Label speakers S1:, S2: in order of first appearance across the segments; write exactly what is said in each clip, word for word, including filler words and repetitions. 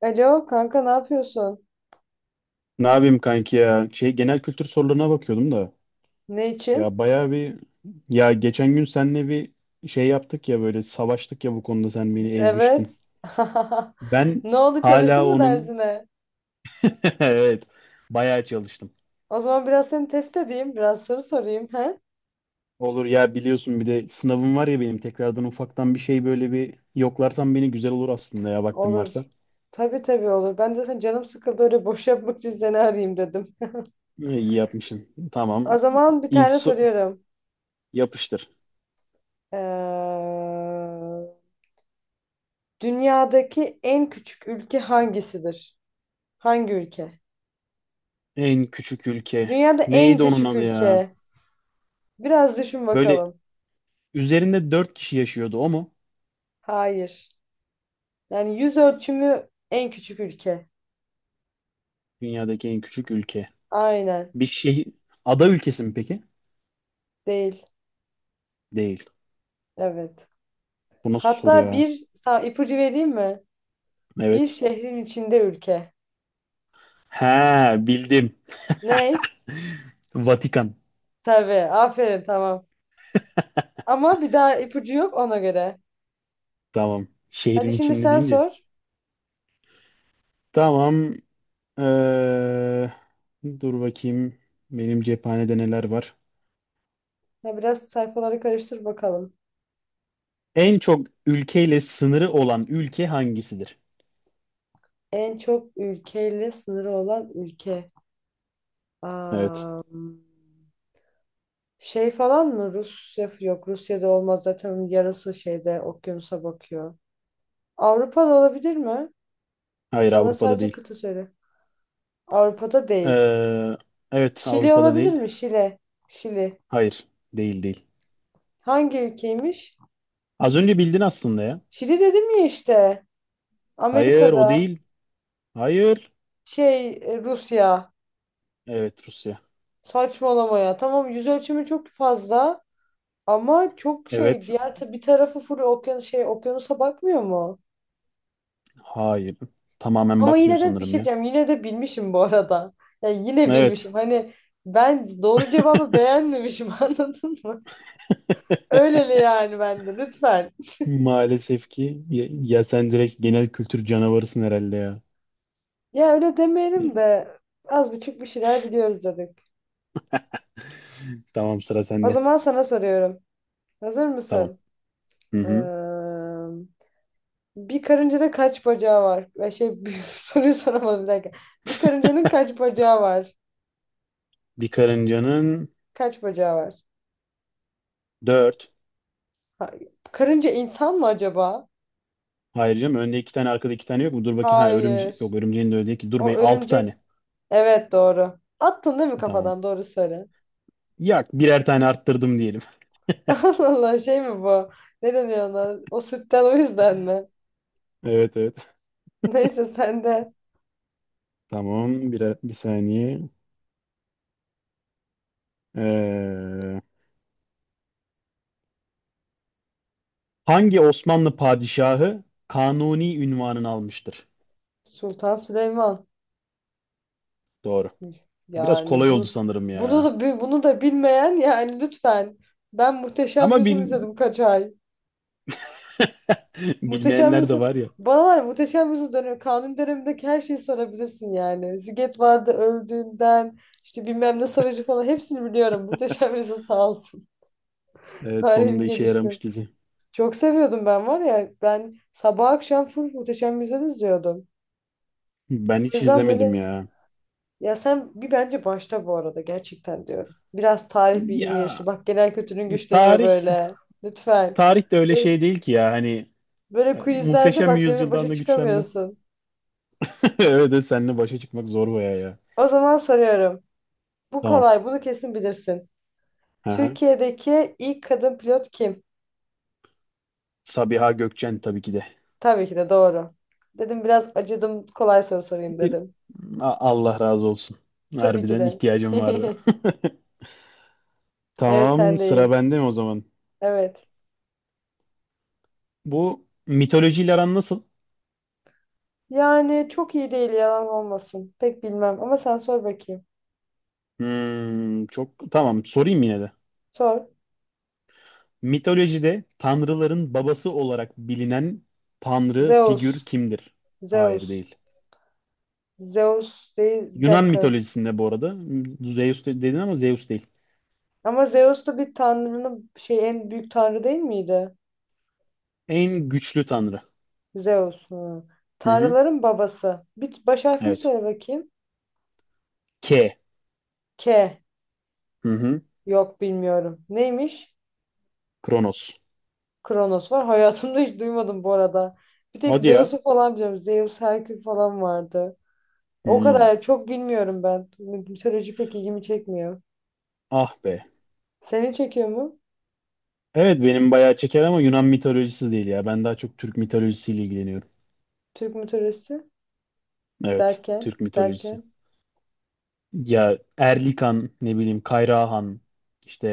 S1: Alo kanka, ne yapıyorsun?
S2: Ne yapayım kanki ya? Şey genel kültür sorularına bakıyordum da.
S1: Ne için?
S2: Ya bayağı bir Ya geçen gün seninle bir şey yaptık, ya böyle savaştık, ya bu konuda sen beni
S1: Evet.
S2: ezmiştin. Ben
S1: Ne oldu,
S2: hala
S1: çalıştın mı
S2: onun
S1: dersine?
S2: Evet, bayağı çalıştım.
S1: O zaman biraz seni test edeyim. Biraz soru sorayım. He?
S2: Olur ya, biliyorsun bir de sınavım var ya benim, tekrardan ufaktan bir şey, böyle bir yoklarsan beni güzel olur aslında ya, vaktin varsa.
S1: Olur. Tabii tabii, olur. Ben de sen, canım sıkıldı, öyle boş yapmak için seni arayayım dedim.
S2: E, İyi yapmışsın. Tamam.
S1: O zaman bir
S2: İlk
S1: tane
S2: so-
S1: soruyorum.
S2: Yapıştır.
S1: Ee, dünyadaki en küçük ülke hangisidir? Hangi ülke?
S2: En küçük ülke.
S1: Dünyada en
S2: Neydi onun
S1: küçük
S2: adı ya?
S1: ülke. Biraz düşün
S2: Böyle
S1: bakalım.
S2: üzerinde dört kişi yaşıyordu, o mu?
S1: Hayır. Yani yüz ölçümü en küçük ülke.
S2: Dünyadaki en küçük ülke.
S1: Aynen.
S2: Bir şey Ada ülkesi mi peki?
S1: Değil.
S2: Değil.
S1: Evet.
S2: Bu nasıl soru
S1: Hatta
S2: ya?
S1: bir sa- ipucu vereyim mi? Bir
S2: Evet.
S1: şehrin içinde ülke.
S2: Ha, bildim.
S1: Ney?
S2: Vatikan.
S1: Tabii. Aferin, tamam. Ama bir daha ipucu yok, ona göre.
S2: Tamam.
S1: Hadi
S2: Şehrin
S1: şimdi
S2: içinde
S1: sen
S2: deyince.
S1: sor.
S2: Tamam. Ee, Dur bakayım. Benim cephanede neler var?
S1: Ya biraz sayfaları karıştır bakalım.
S2: En çok ülkeyle sınırı olan ülke hangisidir?
S1: En çok ülkeyle sınırı olan ülke.
S2: Evet.
S1: Am, şey falan mı? Rusya yok. Rusya'da olmaz zaten, onun yarısı şeyde, okyanusa bakıyor. Avrupa'da olabilir mi?
S2: Hayır,
S1: Bana
S2: Avrupa'da
S1: sadece
S2: değil.
S1: kıta söyle. Avrupa'da değil.
S2: Ee, evet,
S1: Şili
S2: Avrupa'da
S1: olabilir
S2: değil.
S1: mi? Şile. Şili.
S2: Hayır. Değil, değil.
S1: Hangi ülkeymiş?
S2: Az önce bildin aslında ya.
S1: Şili dedim ya işte.
S2: Hayır, o
S1: Amerika'da.
S2: değil. Hayır.
S1: Şey e, Rusya.
S2: Evet, Rusya.
S1: Saçmalama ya. Tamam, yüz ölçümü çok fazla. Ama çok şey,
S2: Evet.
S1: diğer ta- bir tarafı full okyanus, şey, okyanusa bakmıyor mu?
S2: Hayır. Tamamen
S1: Ama
S2: bakmıyor
S1: yine de bir şey
S2: sanırım ya.
S1: diyeceğim. Yine de bilmişim bu arada. Yani yine
S2: Evet.
S1: bilmişim. Hani ben doğru cevabı beğenmemişim anladın mı? Öyleli yani, bende lütfen.
S2: Maalesef ki ya, ya sen direkt genel kültür canavarısın herhalde ya.
S1: Ya öyle demeyelim de, az buçuk bir şeyler biliyoruz dedik.
S2: Tamam, sıra
S1: O
S2: sende.
S1: zaman sana soruyorum. Hazır
S2: Tamam.
S1: mısın?
S2: Hı
S1: Ee,
S2: hı.
S1: bir karıncada kaç bacağı var? Ve şey bir soruyu soramadım, bir dakika. Bir karıncanın kaç bacağı var?
S2: Bir karıncanın
S1: Kaç bacağı var?
S2: dört.
S1: Ha- karınca insan mı acaba?
S2: Hayır canım, önde iki tane arkada iki tane yok mu? Dur bakayım. Ha, örümce
S1: Hayır.
S2: yok, örümceğin de öyle değil ki. Dur
S1: O
S2: bey, altı
S1: örümcek.
S2: tane.
S1: Evet doğru. Attın değil mi
S2: Tamam.
S1: kafadan? Doğru söyle.
S2: Yak, birer tane arttırdım diyelim.
S1: Allah Allah, şey mi bu? Ne deniyor ona? O sütten, o yüzden mi?
S2: Evet, evet.
S1: Neyse sen de.
S2: Tamam, birer, bir saniye. Ee, Hangi Osmanlı padişahı Kanuni ünvanını almıştır?
S1: Sultan Süleyman.
S2: Doğru. Biraz
S1: Yani
S2: kolay oldu
S1: bu,
S2: sanırım
S1: bunu
S2: ya.
S1: da bi- bunu da bilmeyen, yani lütfen. Ben Muhteşem
S2: Ama
S1: Yüzyıl
S2: bil...
S1: izledim kaç ay. Muhteşem
S2: Bilmeyenler de
S1: Yüzyıl,
S2: var ya.
S1: bana, var ya, Muhteşem Yüzyıl dönemi, kanun dönemindeki her şeyi sorabilirsin yani. Ziget vardı, öldüğünden, işte bilmem ne savaşı falan, hepsini biliyorum. Muhteşem Yüzyıl sağ olsun.
S2: Evet, sonunda
S1: Tarihim
S2: işe
S1: gelişti.
S2: yaramış dizi.
S1: Çok seviyordum ben, var ya, ben sabah akşam full Muhteşem Yüzyıl izliyordum.
S2: Ben
S1: O
S2: hiç
S1: yüzden
S2: izlemedim
S1: böyle.
S2: ya.
S1: Ya sen bir, bence başla bu arada, gerçekten diyorum. Biraz tarih bilgini
S2: Ya
S1: geliştir. Bak, genel kültürün güçleniyor
S2: tarih
S1: böyle. Lütfen.
S2: tarih de öyle
S1: Böyle,
S2: şey değil ki ya hani
S1: böyle
S2: e,
S1: quizlerde
S2: muhteşem
S1: bak, benimle
S2: yüzyıldan
S1: başa
S2: da güçlenmez.
S1: çıkamıyorsun.
S2: Öyle de seninle başa çıkmak zor baya ya.
S1: O zaman soruyorum. Bu
S2: Tamam.
S1: kolay, bunu kesin bilirsin.
S2: Hı hı.
S1: Türkiye'deki ilk kadın pilot kim?
S2: Sabiha Gökçen tabii ki de.
S1: Tabii ki de doğru. Dedim biraz acıdım, kolay soru sorayım
S2: Bir-
S1: dedim.
S2: A- Allah razı olsun.
S1: Tabii ki
S2: Harbiden
S1: de.
S2: ihtiyacım vardı.
S1: Evet
S2: Tamam, sıra
S1: sendeyiz.
S2: bende mi o zaman?
S1: Evet.
S2: Bu mitolojiyle aran nasıl?
S1: Yani çok iyi değil, yalan olmasın. Pek bilmem ama sen sor bakayım.
S2: Hmm, çok, tamam, sorayım yine de.
S1: Sor.
S2: Mitolojide tanrıların babası olarak bilinen tanrı
S1: Zeus.
S2: figür kimdir? Hayır,
S1: Zeus.
S2: değil.
S1: Zeus değil. Bir
S2: Yunan
S1: dakika.
S2: mitolojisinde bu arada Zeus de- dedin ama Zeus değil.
S1: Ama Zeus da bir tanrının, şey, en büyük tanrı değil miydi?
S2: En güçlü tanrı.
S1: Zeus. Hı.
S2: Hı hı.
S1: Tanrıların babası. Bir baş harfini
S2: Evet.
S1: söyle bakayım.
S2: K.
S1: K.
S2: Hı hı.
S1: Yok bilmiyorum. Neymiş?
S2: Kronos.
S1: Kronos var. Hayatımda hiç duymadım bu arada. Bir tek
S2: Hadi ya.
S1: Zeus'u falan biliyorum. Zeus, Herkül falan vardı. O
S2: Hmm.
S1: kadar çok bilmiyorum ben. Mitoloji pek ilgimi çekmiyor.
S2: Ah be.
S1: Seni çekiyor mu?
S2: Evet, benim bayağı çeker ama Yunan mitolojisi değil ya. Ben daha çok Türk mitolojisiyle ilgileniyorum.
S1: Türk mitolojisi
S2: Evet.
S1: derken
S2: Türk mitolojisi.
S1: derken.
S2: Ya Erlikan, ne bileyim, Kayrahan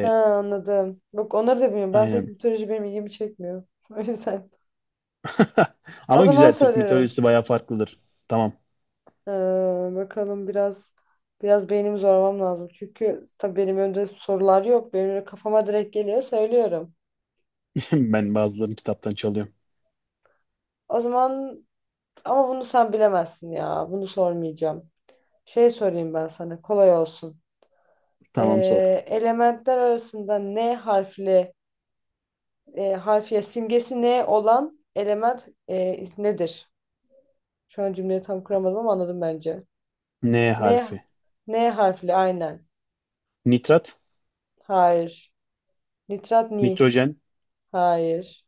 S1: Ha, anladım. Bak, onları da bilmiyorum. Ben pek
S2: aynen.
S1: mitoloji, benim ilgimi çekmiyor. O yüzden. O
S2: Ama
S1: zaman
S2: güzel, Türk
S1: soruyorum.
S2: mitolojisi bayağı farklıdır. Tamam.
S1: Ee, bakalım, biraz biraz beynimi zorlamam lazım. Çünkü tabii benim önümde sorular yok. Benim öyle kafama direkt geliyor, söylüyorum.
S2: Ben bazılarını kitaptan çalıyorum.
S1: O zaman, ama bunu sen bilemezsin ya. Bunu sormayacağım. Şey sorayım ben sana. Kolay olsun.
S2: Tamam, sor.
S1: Ee, elementler arasında N harfli, e, harfiye simgesi N olan element, e, nedir? Şu an cümleyi tam kuramadım ama anladım bence.
S2: N
S1: N,
S2: harfi.
S1: N harfli aynen.
S2: Nitrat,
S1: Hayır. Nitrat ni.
S2: nitrojen.
S1: Hayır.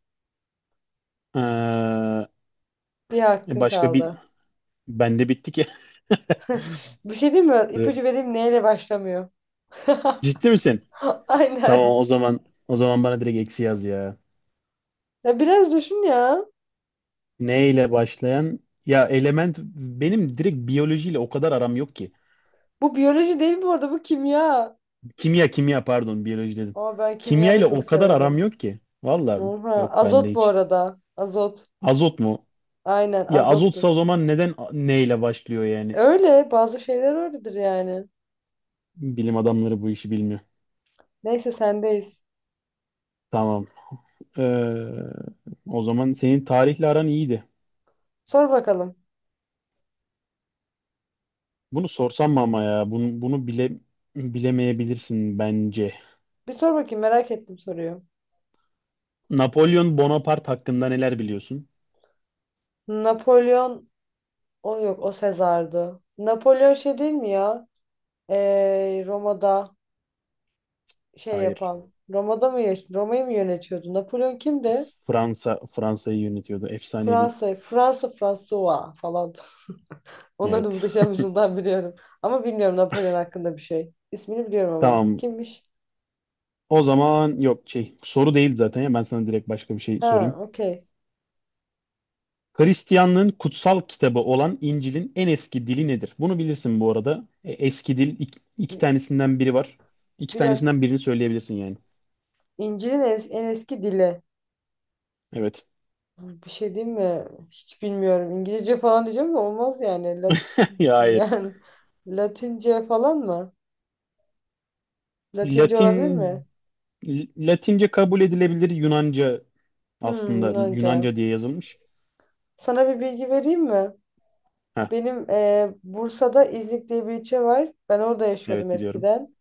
S2: Ee,
S1: Bir
S2: e,
S1: hakkın
S2: başka bir
S1: kaldı.
S2: Bende bitti ki.
S1: Bir şey değil mi?
S2: Dur.
S1: İpucu vereyim neyle başlamıyor.
S2: Ciddi misin? Tamam,
S1: Aynen.
S2: o zaman o zaman bana direkt eksi yaz ya.
S1: Ya biraz düşün ya.
S2: N ile başlayan ya element, benim direkt biyolojiyle o kadar aram yok ki.
S1: Bu biyoloji değil bu arada, bu kimya.
S2: Kimya, kimya pardon, biyoloji dedim.
S1: Ama ben kimya
S2: Kimya
S1: da
S2: ile
S1: çok
S2: o kadar aram
S1: severim.
S2: yok ki. Vallahi
S1: Oha.
S2: yok, bende
S1: Azot bu
S2: hiç.
S1: arada. Azot.
S2: Azot mu?
S1: Aynen,
S2: Ya azotsa o
S1: azottur.
S2: zaman neden a- neyle başlıyor yani?
S1: Öyle bazı şeyler öyledir yani.
S2: Bilim adamları bu işi bilmiyor.
S1: Neyse sendeyiz.
S2: Tamam. Ee, O zaman senin tarihle aran iyiydi.
S1: Sor bakalım.
S2: Bunu sorsam mı ama ya? Bunu, bunu bile bilemeyebilirsin bence.
S1: Bir sor bakayım, merak ettim soruyu.
S2: Napolyon Bonaparte hakkında neler biliyorsun?
S1: Napolyon. O yok, o Sezar'dı. Napolyon şey değil mi ya? Ee, Roma'da şey
S2: Hayır.
S1: yapan. Roma'da mı yaş- Roma'yı mı yönetiyordu? Napolyon kimdi?
S2: Fransa Fransa'yı yönetiyordu. Efsanevi.
S1: Fransa, Fransa, François falan. Onları da
S2: Evet.
S1: muhteşem yüzyıldan biliyorum. Ama bilmiyorum Napolyon hakkında bir şey. İsmini biliyorum ama.
S2: Tamam.
S1: Kimmiş?
S2: O zaman yok, şey soru değil zaten ya, ben sana direkt başka bir şey
S1: Ha,
S2: sorayım.
S1: okey.
S2: Hristiyanlığın kutsal kitabı olan İncil'in en eski dili nedir? Bunu bilirsin bu arada. E, eski dil, ik- iki
S1: Bir,
S2: tanesinden biri var. İki
S1: bir
S2: tanesinden
S1: dakika.
S2: birini söyleyebilirsin yani.
S1: İncil'in es- en eski dili.
S2: Evet.
S1: Bir şey diyeyim mi? Hiç bilmiyorum. İngilizce falan diyeceğim de olmaz yani. Latin,
S2: Ya hayır.
S1: yani Latince falan mı? Latince olabilir mi?
S2: Latin Latince kabul edilebilir, Yunanca,
S1: Hmm,
S2: aslında
S1: Yunanca.
S2: Yunanca diye yazılmış.
S1: Sana bir bilgi vereyim mi?
S2: Heh,
S1: Benim e, Bursa'da İznik diye bir ilçe var. Ben orada yaşıyordum
S2: evet, biliyorum.
S1: eskiden.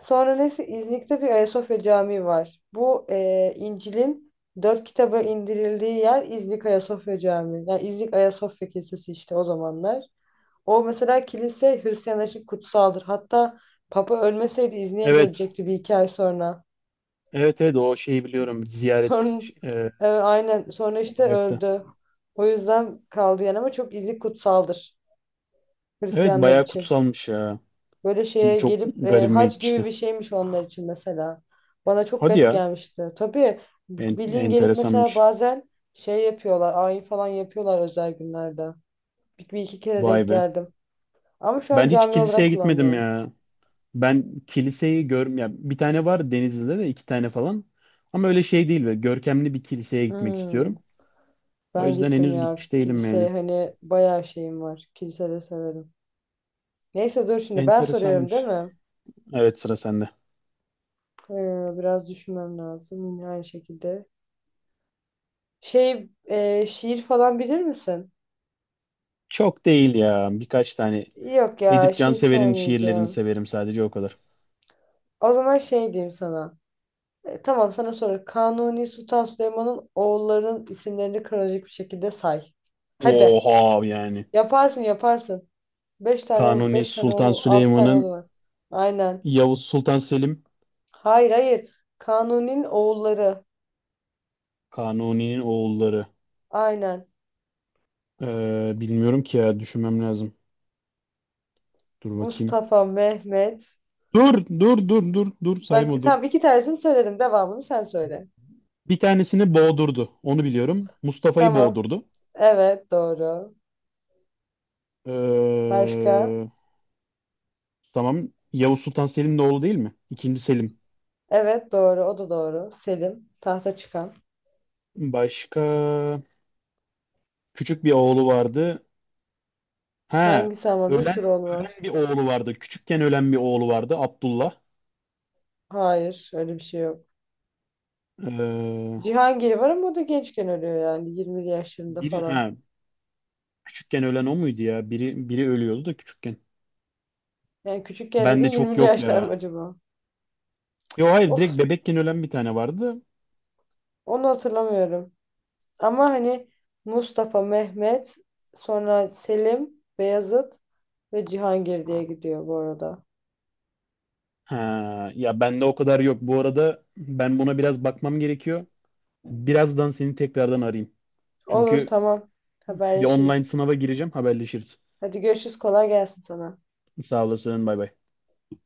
S1: Sonra neyse, İznik'te bir Ayasofya Camii var. Bu e, İncil'in dört kitaba indirildiği yer İznik Ayasofya Camii. Yani İznik Ayasofya Kilisesi işte, o zamanlar. O mesela kilise Hristiyanlar için kutsaldır. Hatta Papa ölmeseydi İznik'e
S2: Evet.
S1: gelecekti bir iki ay sonra.
S2: Evet, evet, o şeyi biliyorum. Ziyaret
S1: Sonra,
S2: e,
S1: evet, aynen, sonra işte
S2: olacaktı.
S1: öldü. O yüzden kaldı yani, ama çok izi kutsaldır
S2: Evet,
S1: Hristiyanlar
S2: bayağı
S1: için.
S2: kutsalmış ya.
S1: Böyle şeye
S2: Çok
S1: gelip e,
S2: garibime
S1: hac gibi
S2: gitmişti.
S1: bir şeymiş onlar için mesela. Bana çok
S2: Hadi
S1: garip
S2: ya.
S1: gelmişti. Tabii
S2: En,
S1: bildiğin gelip mesela,
S2: enteresanmış.
S1: bazen şey yapıyorlar, ayin falan yapıyorlar özel günlerde. Bir, bir iki kere
S2: Vay
S1: denk
S2: be.
S1: geldim. Ama şu an
S2: Ben hiç
S1: cami olarak
S2: kiliseye gitmedim
S1: kullanılıyor.
S2: ya. Ben kiliseyi görm ya bir tane var Denizli'de, de iki tane falan. Ama öyle şey değil ve görkemli bir kiliseye gitmek
S1: Hmm,
S2: istiyorum. O
S1: ben
S2: yüzden
S1: gittim
S2: henüz
S1: ya
S2: gitmiş değilim
S1: kiliseye,
S2: yani.
S1: hani bayağı şeyim var. Kiliseleri severim. Neyse dur şimdi ben soruyorum değil
S2: Enteresanmış.
S1: mi?
S2: Evet, sıra sende.
S1: Ee, biraz düşünmem lazım yine aynı şekilde. Şey e, şiir falan bilir misin?
S2: Çok değil ya. Birkaç tane
S1: Yok ya,
S2: Edip
S1: şiir
S2: Cansever'in şiirlerini
S1: sormayacağım.
S2: severim, sadece o kadar.
S1: O zaman şey diyeyim sana. E, tamam, sana sonra Kanuni Sultan Süleyman'ın oğullarının isimlerini kronolojik bir şekilde say. Hadi,
S2: Oha yani.
S1: yaparsın yaparsın. Beş tane
S2: Kanuni
S1: beş tane
S2: Sultan
S1: oğlu, altı tane oğlu
S2: Süleyman'ın
S1: var. Aynen.
S2: Yavuz Sultan Selim.
S1: Hayır hayır. Kanuni'nin oğulları.
S2: Kanuni'nin oğulları.
S1: Aynen.
S2: Ee, bilmiyorum ki ya, düşünmem lazım. Dur bakayım.
S1: Mustafa, Mehmet.
S2: Dur, dur, dur, dur, dur. Sayma,
S1: Bak
S2: dur.
S1: tamam, iki tanesini söyledim. Devamını sen söyle.
S2: Bir tanesini boğdurdu. Onu biliyorum. Mustafa'yı
S1: Tamam.
S2: boğdurdu.
S1: Evet doğru. Başka?
S2: Ee, tamam. Yavuz Sultan Selim'in oğlu değil mi? İkinci Selim.
S1: Evet doğru. O da doğru. Selim. Tahta çıkan.
S2: Başka küçük bir oğlu vardı. Ha,
S1: Hangisi? Ama bir
S2: ölen
S1: sürü oğlu var.
S2: ölen bir oğlu vardı. Küçükken ölen bir oğlu vardı. Abdullah.
S1: Hayır, öyle bir şey yok.
S2: Ee,
S1: Cihangir var ama o da gençken ölüyor, yani yirmili yaşlarında
S2: Biri,
S1: falan.
S2: ha, küçükken ölen o muydu ya? Biri biri ölüyordu da küçükken.
S1: Yani küçükken
S2: Ben
S1: dediğin
S2: de çok
S1: yirmili
S2: yok
S1: yaşlar mı
S2: ya.
S1: acaba?
S2: Yo hayır,
S1: Of,
S2: direkt bebekken ölen bir tane vardı.
S1: onu hatırlamıyorum. Ama hani Mustafa, Mehmet, sonra Selim, Beyazıt ve Cihangir diye gidiyor bu arada.
S2: Ha, ya bende o kadar yok. Bu arada ben buna biraz bakmam gerekiyor. Birazdan seni tekrardan arayayım.
S1: Olur,
S2: Çünkü
S1: tamam,
S2: bir online
S1: haberleşiriz.
S2: sınava gireceğim. Haberleşiriz.
S1: Hadi görüşürüz, kolay gelsin sana.
S2: Sağ olasın. Bay bay.